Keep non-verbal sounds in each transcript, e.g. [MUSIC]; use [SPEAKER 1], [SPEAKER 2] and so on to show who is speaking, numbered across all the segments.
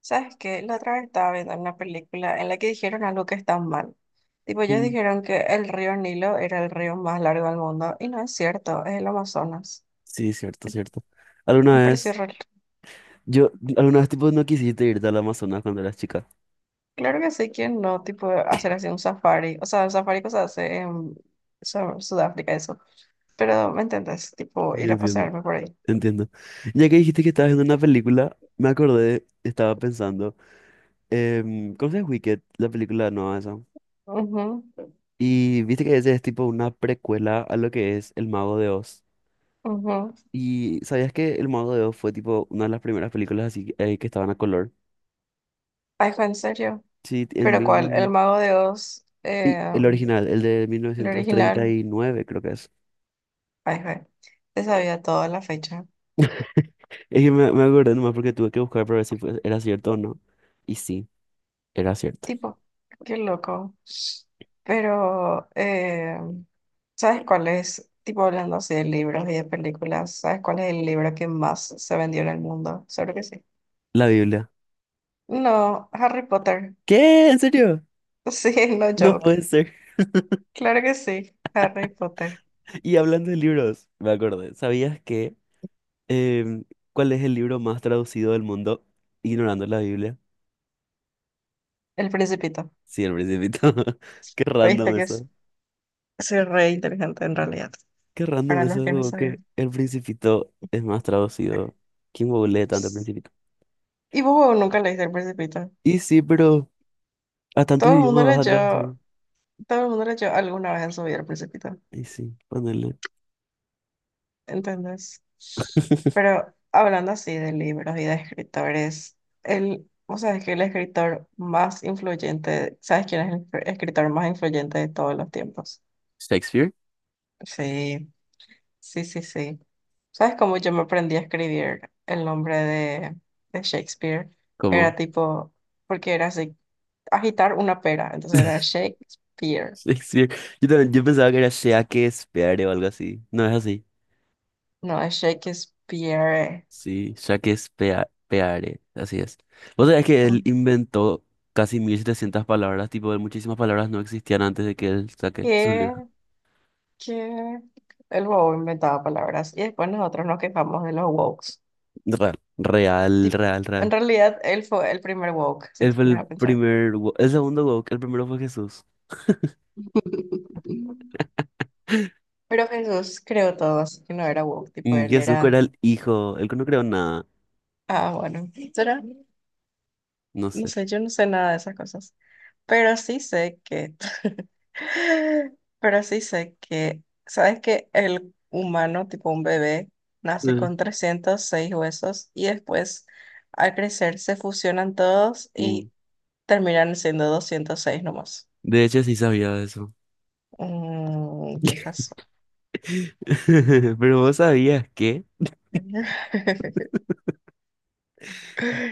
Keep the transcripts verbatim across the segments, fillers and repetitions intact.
[SPEAKER 1] ¿Sabes qué? La otra vez estaba viendo una película en la que dijeron algo que está mal. Tipo, ellos
[SPEAKER 2] Mm.
[SPEAKER 1] dijeron que el río Nilo era el río más largo del mundo y no es cierto, es el Amazonas.
[SPEAKER 2] Sí, cierto, cierto. Alguna
[SPEAKER 1] Me pareció
[SPEAKER 2] vez,
[SPEAKER 1] re-
[SPEAKER 2] yo, alguna vez tipo no quisiste irte al Amazonas cuando eras chica.
[SPEAKER 1] Claro que sí, ¿quién no? Tipo, hacer así un safari. O sea, el safari que se hace en Su- Sudáfrica, eso. Pero, ¿me entendés? Tipo,
[SPEAKER 2] Sí,
[SPEAKER 1] ir a
[SPEAKER 2] entiendo.
[SPEAKER 1] pasearme por ahí.
[SPEAKER 2] Entiendo. Ya que dijiste que estabas viendo una película, me acordé, estaba pensando, em, ¿conoces Wicked, la película nueva esa?
[SPEAKER 1] Ujú,
[SPEAKER 2] Y viste que ese es tipo una precuela a lo que es El Mago de Oz.
[SPEAKER 1] ujú.
[SPEAKER 2] ¿Y sabías que El Mago de Oz fue tipo una de las primeras películas así eh, que estaban a color?
[SPEAKER 1] Ay, fue en serio.
[SPEAKER 2] Sí, en
[SPEAKER 1] ¿Pero cuál? El
[SPEAKER 2] mil...
[SPEAKER 1] Mago de Oz,
[SPEAKER 2] Y
[SPEAKER 1] eh,
[SPEAKER 2] el original, el de mil
[SPEAKER 1] el
[SPEAKER 2] novecientos treinta
[SPEAKER 1] original.
[SPEAKER 2] y nueve creo que es.
[SPEAKER 1] Ay, fue. Te sabía toda la fecha.
[SPEAKER 2] Es que me, me acordé nomás porque tuve que buscar para ver si fue- era cierto o no. Y sí, era cierto.
[SPEAKER 1] Tipo, qué loco. Pero, eh, ¿sabes cuál es? Tipo, hablando así de libros y de películas, ¿sabes cuál es el libro que más se vendió en el mundo? Seguro que sí.
[SPEAKER 2] La Biblia.
[SPEAKER 1] No, Harry Potter.
[SPEAKER 2] ¿Qué? ¿En serio?
[SPEAKER 1] [LAUGHS] Sí, no
[SPEAKER 2] No
[SPEAKER 1] joke.
[SPEAKER 2] puede ser. [LAUGHS]
[SPEAKER 1] Claro que sí, Harry Potter.
[SPEAKER 2] Y hablando de libros, me acordé. ¿Sabías que em, cuál es el libro más traducido del mundo? Ignorando la Biblia.
[SPEAKER 1] El Principito.
[SPEAKER 2] Sí, el Principito. [LAUGHS] Qué random
[SPEAKER 1] ¿Viste que es?
[SPEAKER 2] eso.
[SPEAKER 1] Soy re inteligente en realidad,
[SPEAKER 2] Qué random
[SPEAKER 1] para los
[SPEAKER 2] eso,
[SPEAKER 1] que no
[SPEAKER 2] como que
[SPEAKER 1] sabían.
[SPEAKER 2] el Principito es más traducido. ¿Quién googlea tanto el Principito?
[SPEAKER 1] Y vos nunca leíste El Principito.
[SPEAKER 2] Y sí, pero a tantos
[SPEAKER 1] Todo el mundo
[SPEAKER 2] idiomas vas a traducir.
[SPEAKER 1] leyó, todo el mundo leyó alguna vez en su vida El Principito.
[SPEAKER 2] Y sí, ponele.
[SPEAKER 1] ¿Entendés?
[SPEAKER 2] [LAUGHS]
[SPEAKER 1] Pero hablando así de libros y de escritores, el, o sea, es que el escritor más influyente, ¿sabes quién es el fr- escritor más influyente de todos los tiempos?
[SPEAKER 2] ¿Shakespeare?
[SPEAKER 1] Sí, sí, sí, sí. ¿Sabes cómo yo me aprendí a escribir el nombre de, de Shakespeare? Era
[SPEAKER 2] ¿Cómo?
[SPEAKER 1] tipo, porque era así, agitar una pera, entonces era Shakespeare,
[SPEAKER 2] Shakespeare. Yo también, yo pensaba que era Shakespeare o algo así. No es así.
[SPEAKER 1] no es Shakespeare.
[SPEAKER 2] Sí, Shakespeare, así es. Vos sabés que él inventó casi mil setecientas palabras, tipo, de muchísimas palabras no existían antes de que él saque su libro.
[SPEAKER 1] ¿Qué? Que el bobo inventaba palabras y después nosotros nos quejamos de los wokes.
[SPEAKER 2] Real, real,
[SPEAKER 1] Tipo,
[SPEAKER 2] real, real.
[SPEAKER 1] en realidad él fue el primer woke, si
[SPEAKER 2] Él
[SPEAKER 1] tú
[SPEAKER 2] fue
[SPEAKER 1] pones
[SPEAKER 2] el
[SPEAKER 1] a pensar.
[SPEAKER 2] primer, wo- el segundo woke, el primero fue Jesús.
[SPEAKER 1] [LAUGHS]
[SPEAKER 2] [LAUGHS]
[SPEAKER 1] Pero Jesús creó todo, así que no era woke, tipo
[SPEAKER 2] Mm,
[SPEAKER 1] él
[SPEAKER 2] Jesús era
[SPEAKER 1] era,
[SPEAKER 2] el hijo, él no creó nada,
[SPEAKER 1] ah, bueno, ¿será?
[SPEAKER 2] no
[SPEAKER 1] No
[SPEAKER 2] sé.
[SPEAKER 1] sé, yo no sé nada de esas cosas. Pero sí sé que, [LAUGHS] pero sí sé que, ¿sabes que el humano, tipo un bebé, nace
[SPEAKER 2] Eh,
[SPEAKER 1] con trescientos seis huesos y después al crecer se fusionan todos
[SPEAKER 2] mm.
[SPEAKER 1] y terminan siendo doscientos seis nomás?
[SPEAKER 2] De hecho, sí sabía de eso.
[SPEAKER 1] Mmm, qué
[SPEAKER 2] [LAUGHS]
[SPEAKER 1] jazo.
[SPEAKER 2] [LAUGHS] Pero vos sabías que...
[SPEAKER 1] [LAUGHS]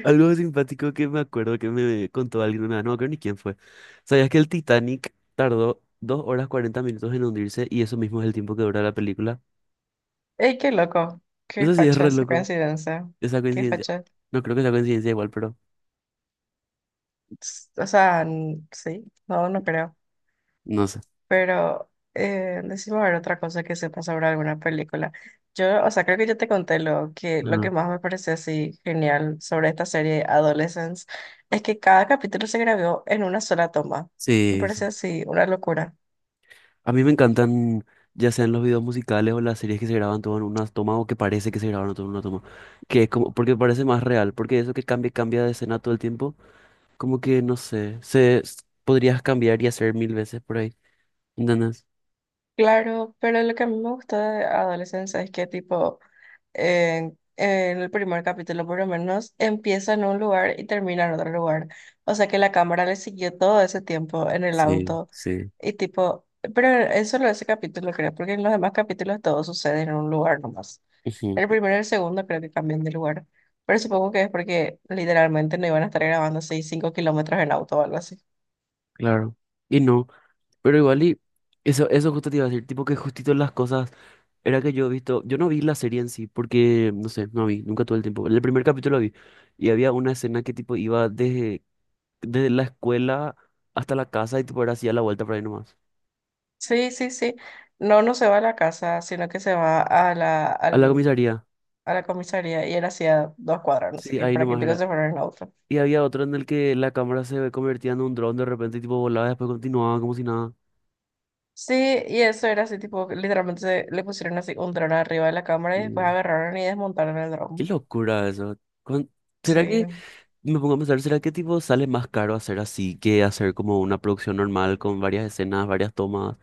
[SPEAKER 2] Algo simpático que me acuerdo que me contó alguien una vez, no me acuerdo ni quién fue. ¿Sabías que el Titanic tardó dos horas cuarenta minutos en hundirse y eso mismo es el tiempo que dura la película?
[SPEAKER 1] Ey, qué loco, qué
[SPEAKER 2] Eso sí es
[SPEAKER 1] facha
[SPEAKER 2] re
[SPEAKER 1] esa
[SPEAKER 2] loco,
[SPEAKER 1] coincidencia,
[SPEAKER 2] esa
[SPEAKER 1] qué
[SPEAKER 2] coincidencia.
[SPEAKER 1] facha.
[SPEAKER 2] No creo que sea coincidencia igual, pero
[SPEAKER 1] S- O sea, n- sí, no, no creo.
[SPEAKER 2] no sé.
[SPEAKER 1] Pero eh, decime a ver otra cosa que sepa sobre alguna película. Yo, o sea, creo que yo te conté lo que, lo que
[SPEAKER 2] Ajá.
[SPEAKER 1] más me pareció así genial sobre esta serie Adolescence es que cada capítulo se grabó en una sola toma. Me
[SPEAKER 2] Sí,
[SPEAKER 1] parece
[SPEAKER 2] sí.
[SPEAKER 1] así una locura.
[SPEAKER 2] A mí me encantan, ya sean los videos musicales o las series que se graban todo en una toma o que parece que se grabaron todo en una toma. Que es como, porque parece más real, porque eso que cambia, cambia de escena todo el tiempo, como que no sé, se s- podrías cambiar y hacer mil veces por ahí. Nanas.
[SPEAKER 1] Claro, pero lo que a mí me gusta de Adolescence es que tipo en, en el primer capítulo por lo menos, empieza en un lugar y termina en otro lugar. O sea que la cámara le siguió todo ese tiempo en el
[SPEAKER 2] Sí,
[SPEAKER 1] auto
[SPEAKER 2] sí.
[SPEAKER 1] y tipo, pero en solo ese capítulo creo, porque en los demás capítulos todo sucede en un lugar nomás.
[SPEAKER 2] Ujú,
[SPEAKER 1] El primero y el segundo creo que cambian de lugar, pero supongo que es porque literalmente no iban a estar grabando así cinco kilómetros en auto o algo así.
[SPEAKER 2] claro. Y no, pero igual y eso, eso justo te iba a decir, tipo que justito las cosas, era que yo he visto, yo no vi la serie en sí, porque, no sé, no vi, nunca tuve el tiempo. El primer capítulo vi, y había una escena que tipo iba desde, desde la escuela hasta la casa y tipo era así a la vuelta por ahí nomás.
[SPEAKER 1] Sí, sí, sí. No, no se va a la casa, sino que se va a la,
[SPEAKER 2] A la
[SPEAKER 1] al
[SPEAKER 2] comisaría,
[SPEAKER 1] a la comisaría y era hacía dos cuadras, no sé
[SPEAKER 2] sí,
[SPEAKER 1] qué,
[SPEAKER 2] ahí
[SPEAKER 1] para que
[SPEAKER 2] nomás
[SPEAKER 1] te
[SPEAKER 2] era.
[SPEAKER 1] se fueran en auto.
[SPEAKER 2] Y había otro en el que la cámara se convertía en un dron de repente y tipo volaba y después continuaba como si nada.
[SPEAKER 1] Sí, y eso era así, tipo, literalmente se- le pusieron así un dron arriba de la cámara y después
[SPEAKER 2] Sí.
[SPEAKER 1] agarraron y desmontaron el
[SPEAKER 2] Qué
[SPEAKER 1] dron.
[SPEAKER 2] locura eso. ¿Cuán-
[SPEAKER 1] Sí.
[SPEAKER 2] ¿Será que Me pongo a pensar, ¿será que tipo sale más caro hacer así que hacer como una producción normal con varias escenas, varias tomas?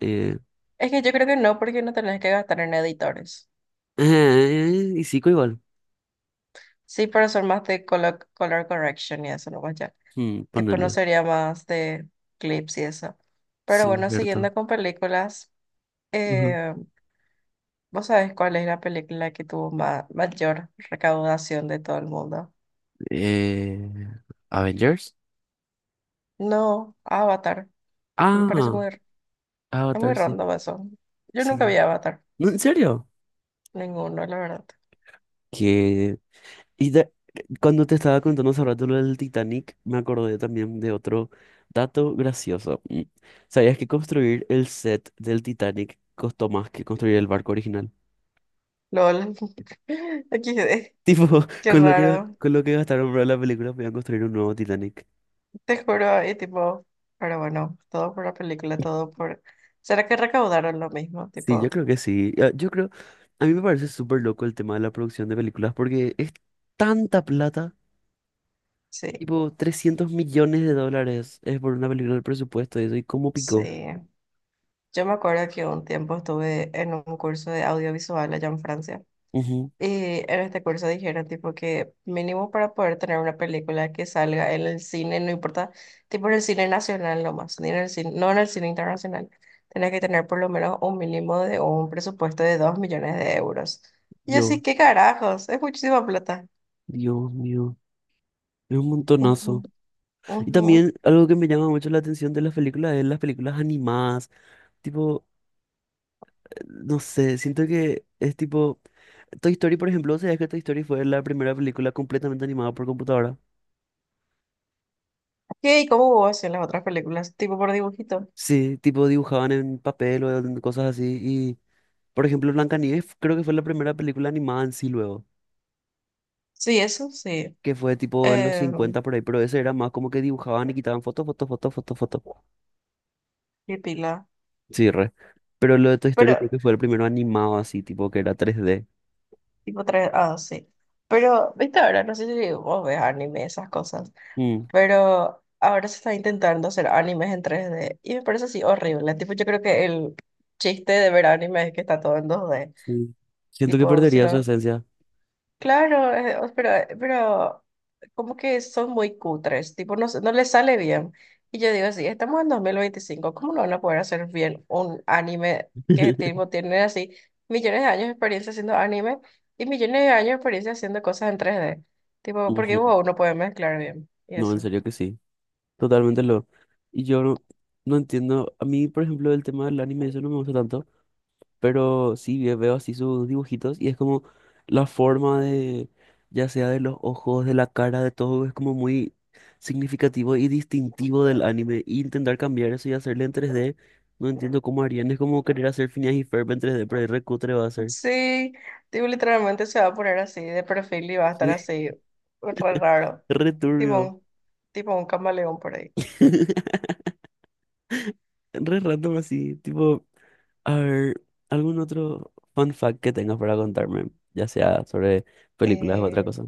[SPEAKER 2] Eh,
[SPEAKER 1] Es que yo creo que no, porque no tenés que gastar en editores.
[SPEAKER 2] eh, y sí, igual.
[SPEAKER 1] Sí, pero son más de color, color correction y eso, no más ya.
[SPEAKER 2] Hmm,
[SPEAKER 1] Tipo, no
[SPEAKER 2] ponerle.
[SPEAKER 1] sería más de clips y eso. Pero
[SPEAKER 2] Sí,
[SPEAKER 1] bueno,
[SPEAKER 2] cierto.
[SPEAKER 1] siguiendo con películas,
[SPEAKER 2] Ujú.
[SPEAKER 1] eh, ¿vos sabés cuál es la película que tuvo ma- mayor recaudación de todo el mundo?
[SPEAKER 2] Eh, Avengers.
[SPEAKER 1] No, Avatar. Me parece
[SPEAKER 2] Ah,
[SPEAKER 1] muy, r- es muy
[SPEAKER 2] Avatar, sí.
[SPEAKER 1] random eso. Yo nunca
[SPEAKER 2] Sí.
[SPEAKER 1] vi Avatar,
[SPEAKER 2] No, ¿en serio?
[SPEAKER 1] ninguno, la verdad.
[SPEAKER 2] Que... Y de- cuando te estaba contando hace rato lo del Titanic, me acordé también de otro dato gracioso. Mm. ¿Sabías que construir el set del Titanic costó más que construir el barco original?
[SPEAKER 1] LOL. [LAUGHS] equis de.
[SPEAKER 2] Tipo, [LAUGHS]
[SPEAKER 1] Qué
[SPEAKER 2] con lo que,
[SPEAKER 1] raro.
[SPEAKER 2] con lo que gastaron para la película, podían construir un nuevo Titanic.
[SPEAKER 1] Te juro, y tipo, pero bueno, todo por la película, todo por. ¿Será que recaudaron lo mismo?
[SPEAKER 2] Sí, yo
[SPEAKER 1] Tipo,
[SPEAKER 2] creo que sí. Ah, yo creo, a mí me parece súper loco el tema de la producción de películas porque es tanta plata,
[SPEAKER 1] sí,
[SPEAKER 2] tipo trescientos millones de dólares es por una película del presupuesto de eso, y cómo
[SPEAKER 1] sí.
[SPEAKER 2] picó.
[SPEAKER 1] Yo me acuerdo que un tiempo estuve en un curso de audiovisual allá en Francia.
[SPEAKER 2] Ujú,
[SPEAKER 1] Y en este curso dijeron tipo que mínimo para poder tener una película que salga en el cine, no importa, tipo en el cine nacional nomás, ni en el cine, no en el cine internacional, tenés que tener por lo menos un mínimo de un presupuesto de dos millones de euros. Y yo así,
[SPEAKER 2] Dios,
[SPEAKER 1] ¿qué carajos? Es muchísima plata.
[SPEAKER 2] Dios mío, es un
[SPEAKER 1] Ujú,
[SPEAKER 2] montonazo. Y
[SPEAKER 1] ujú.
[SPEAKER 2] también algo que me llama mucho la atención de las películas es las películas animadas. Tipo, no sé, siento que es tipo... Toy Story, por ejemplo, ¿sabías que Toy Story fue la primera película completamente animada por computadora?
[SPEAKER 1] ¿Qué? ¿Y cómo hubo así las otras películas? ¿Tipo por dibujito?
[SPEAKER 2] Sí, tipo dibujaban en papel o en cosas así. Y, por ejemplo, Blancanieves creo que fue la primera película animada en sí luego,
[SPEAKER 1] Sí, eso sí.
[SPEAKER 2] que fue tipo en los
[SPEAKER 1] Eh,
[SPEAKER 2] cincuenta por ahí, pero ese era más como que dibujaban y quitaban fotos, fotos, fotos, fotos, fotos.
[SPEAKER 1] qué pila.
[SPEAKER 2] Sí, re. Pero lo de Toy
[SPEAKER 1] Pero,
[SPEAKER 2] Story creo que fue el primero animado así, tipo que era tres D.
[SPEAKER 1] tipo tres, ah, sí. Pero, viste ahora, no sé si vos ves anime, esas cosas.
[SPEAKER 2] Mm,
[SPEAKER 1] Pero ahora se está intentando hacer animes en tres d y me parece así horrible. Tipo, yo creo que el chiste de ver anime es que está todo en dos d.
[SPEAKER 2] sí. Siento que
[SPEAKER 1] Tipo, si
[SPEAKER 2] perdería su
[SPEAKER 1] no,
[SPEAKER 2] esencia.
[SPEAKER 1] claro, eh, o- pero, eh, pero como que son muy cutres. Tipo, no, se- no les sale bien. Y yo digo así, estamos en dos mil veinticinco, ¿cómo no van a poder hacer bien un anime que
[SPEAKER 2] [LAUGHS]
[SPEAKER 1] tipo, tiene así millones de años de experiencia haciendo anime y millones de años de experiencia haciendo cosas en tres d. Tipo, porque
[SPEAKER 2] Ujú.
[SPEAKER 1] wow, no puede mezclar bien. Y
[SPEAKER 2] No, en
[SPEAKER 1] eso.
[SPEAKER 2] serio que sí. Totalmente lo. Y yo no, no entiendo. A mí, por ejemplo, el tema del anime, eso no me gusta tanto. Pero sí ve- veo así sus dibujitos y es como la forma de, ya sea de los ojos, de la cara, de todo, es como muy significativo y distintivo del anime. Y intentar cambiar eso y hacerle en tres d no entiendo cómo harían. Es como querer hacer Phineas y Ferb en tres d pero ahí recutre va a ser.
[SPEAKER 1] Sí, tipo, literalmente se va a poner así de perfil y va a estar
[SPEAKER 2] Sí.
[SPEAKER 1] así, re raro,
[SPEAKER 2] Re
[SPEAKER 1] tipo
[SPEAKER 2] turbio.
[SPEAKER 1] un, tipo un camaleón por ahí.
[SPEAKER 2] [LAUGHS] Re random así, tipo, a ver, algún otro fun fact que tengas para contarme, ya sea sobre películas o otra
[SPEAKER 1] Eh,
[SPEAKER 2] cosa.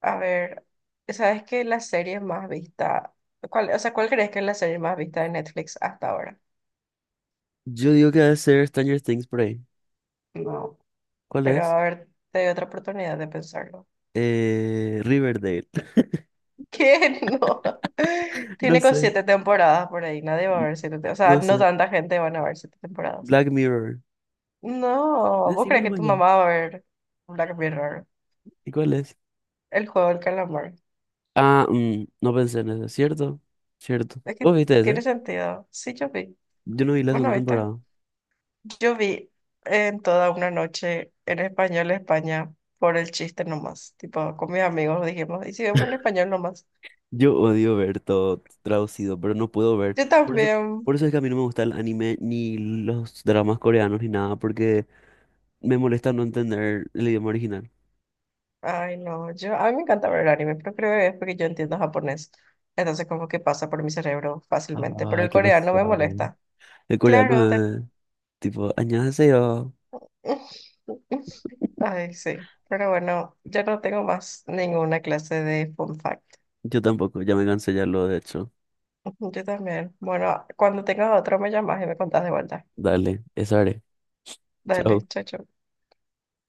[SPEAKER 1] a ver, ¿sabes qué la serie más vista? ¿Cuál, o sea, cuál crees que es la serie más vista de Netflix hasta ahora?
[SPEAKER 2] Yo digo que debe ser Stranger Things por ahí.
[SPEAKER 1] No,
[SPEAKER 2] ¿Cuál
[SPEAKER 1] pero a
[SPEAKER 2] es?
[SPEAKER 1] ver, te doy otra oportunidad de pensarlo.
[SPEAKER 2] Eh, Riverdale. [LAUGHS]
[SPEAKER 1] [LAUGHS] ¿Qué? No.
[SPEAKER 2] No
[SPEAKER 1] Tiene con
[SPEAKER 2] sé,
[SPEAKER 1] siete temporadas por ahí, nadie va a ver siete, te- o sea,
[SPEAKER 2] no
[SPEAKER 1] no
[SPEAKER 2] sé.
[SPEAKER 1] tanta gente van a ver siete temporadas.
[SPEAKER 2] Black Mirror.
[SPEAKER 1] No, ¿vos
[SPEAKER 2] Decime
[SPEAKER 1] crees que tu
[SPEAKER 2] mañana.
[SPEAKER 1] mamá va a ver Black Mirror?
[SPEAKER 2] ¿Y cuál es?
[SPEAKER 1] El juego del calamar.
[SPEAKER 2] Ah, mm, no pensé en eso. ¿Cierto? ¿Cierto?
[SPEAKER 1] Es que
[SPEAKER 2] ¿Vos viste ese?
[SPEAKER 1] tiene sentido. Sí, yo vi.
[SPEAKER 2] Yo no vi la
[SPEAKER 1] Bueno,
[SPEAKER 2] segunda
[SPEAKER 1] viste,
[SPEAKER 2] temporada.
[SPEAKER 1] yo vi en toda una noche en español España por el chiste nomás. Tipo, con mis amigos dijimos, y si vemos en español nomás.
[SPEAKER 2] Yo odio ver todo traducido, pero no puedo ver.
[SPEAKER 1] Yo
[SPEAKER 2] Por eso,
[SPEAKER 1] también.
[SPEAKER 2] por eso es que a mí no me gusta el anime ni los dramas coreanos ni nada, porque me molesta no entender el idioma original.
[SPEAKER 1] Ay, no, yo, a mí me encanta ver el anime, pero creo que es porque yo entiendo japonés. Entonces, como que pasa por mi cerebro fácilmente, pero
[SPEAKER 2] Ay,
[SPEAKER 1] el
[SPEAKER 2] qué
[SPEAKER 1] coreano me
[SPEAKER 2] pesado.
[SPEAKER 1] molesta.
[SPEAKER 2] El
[SPEAKER 1] Claro, te-
[SPEAKER 2] coreano es tipo, yo
[SPEAKER 1] [LAUGHS]
[SPEAKER 2] [LAUGHS]
[SPEAKER 1] Ay, sí. Pero bueno, ya no tengo más ninguna clase de fun fact.
[SPEAKER 2] Yo tampoco, ya me cansé ya lo de hecho.
[SPEAKER 1] Yo también. Bueno, cuando tengas otro me llamas y me contás de vuelta.
[SPEAKER 2] Dale, eso haré.
[SPEAKER 1] Dale,
[SPEAKER 2] Chao.
[SPEAKER 1] chao, chao.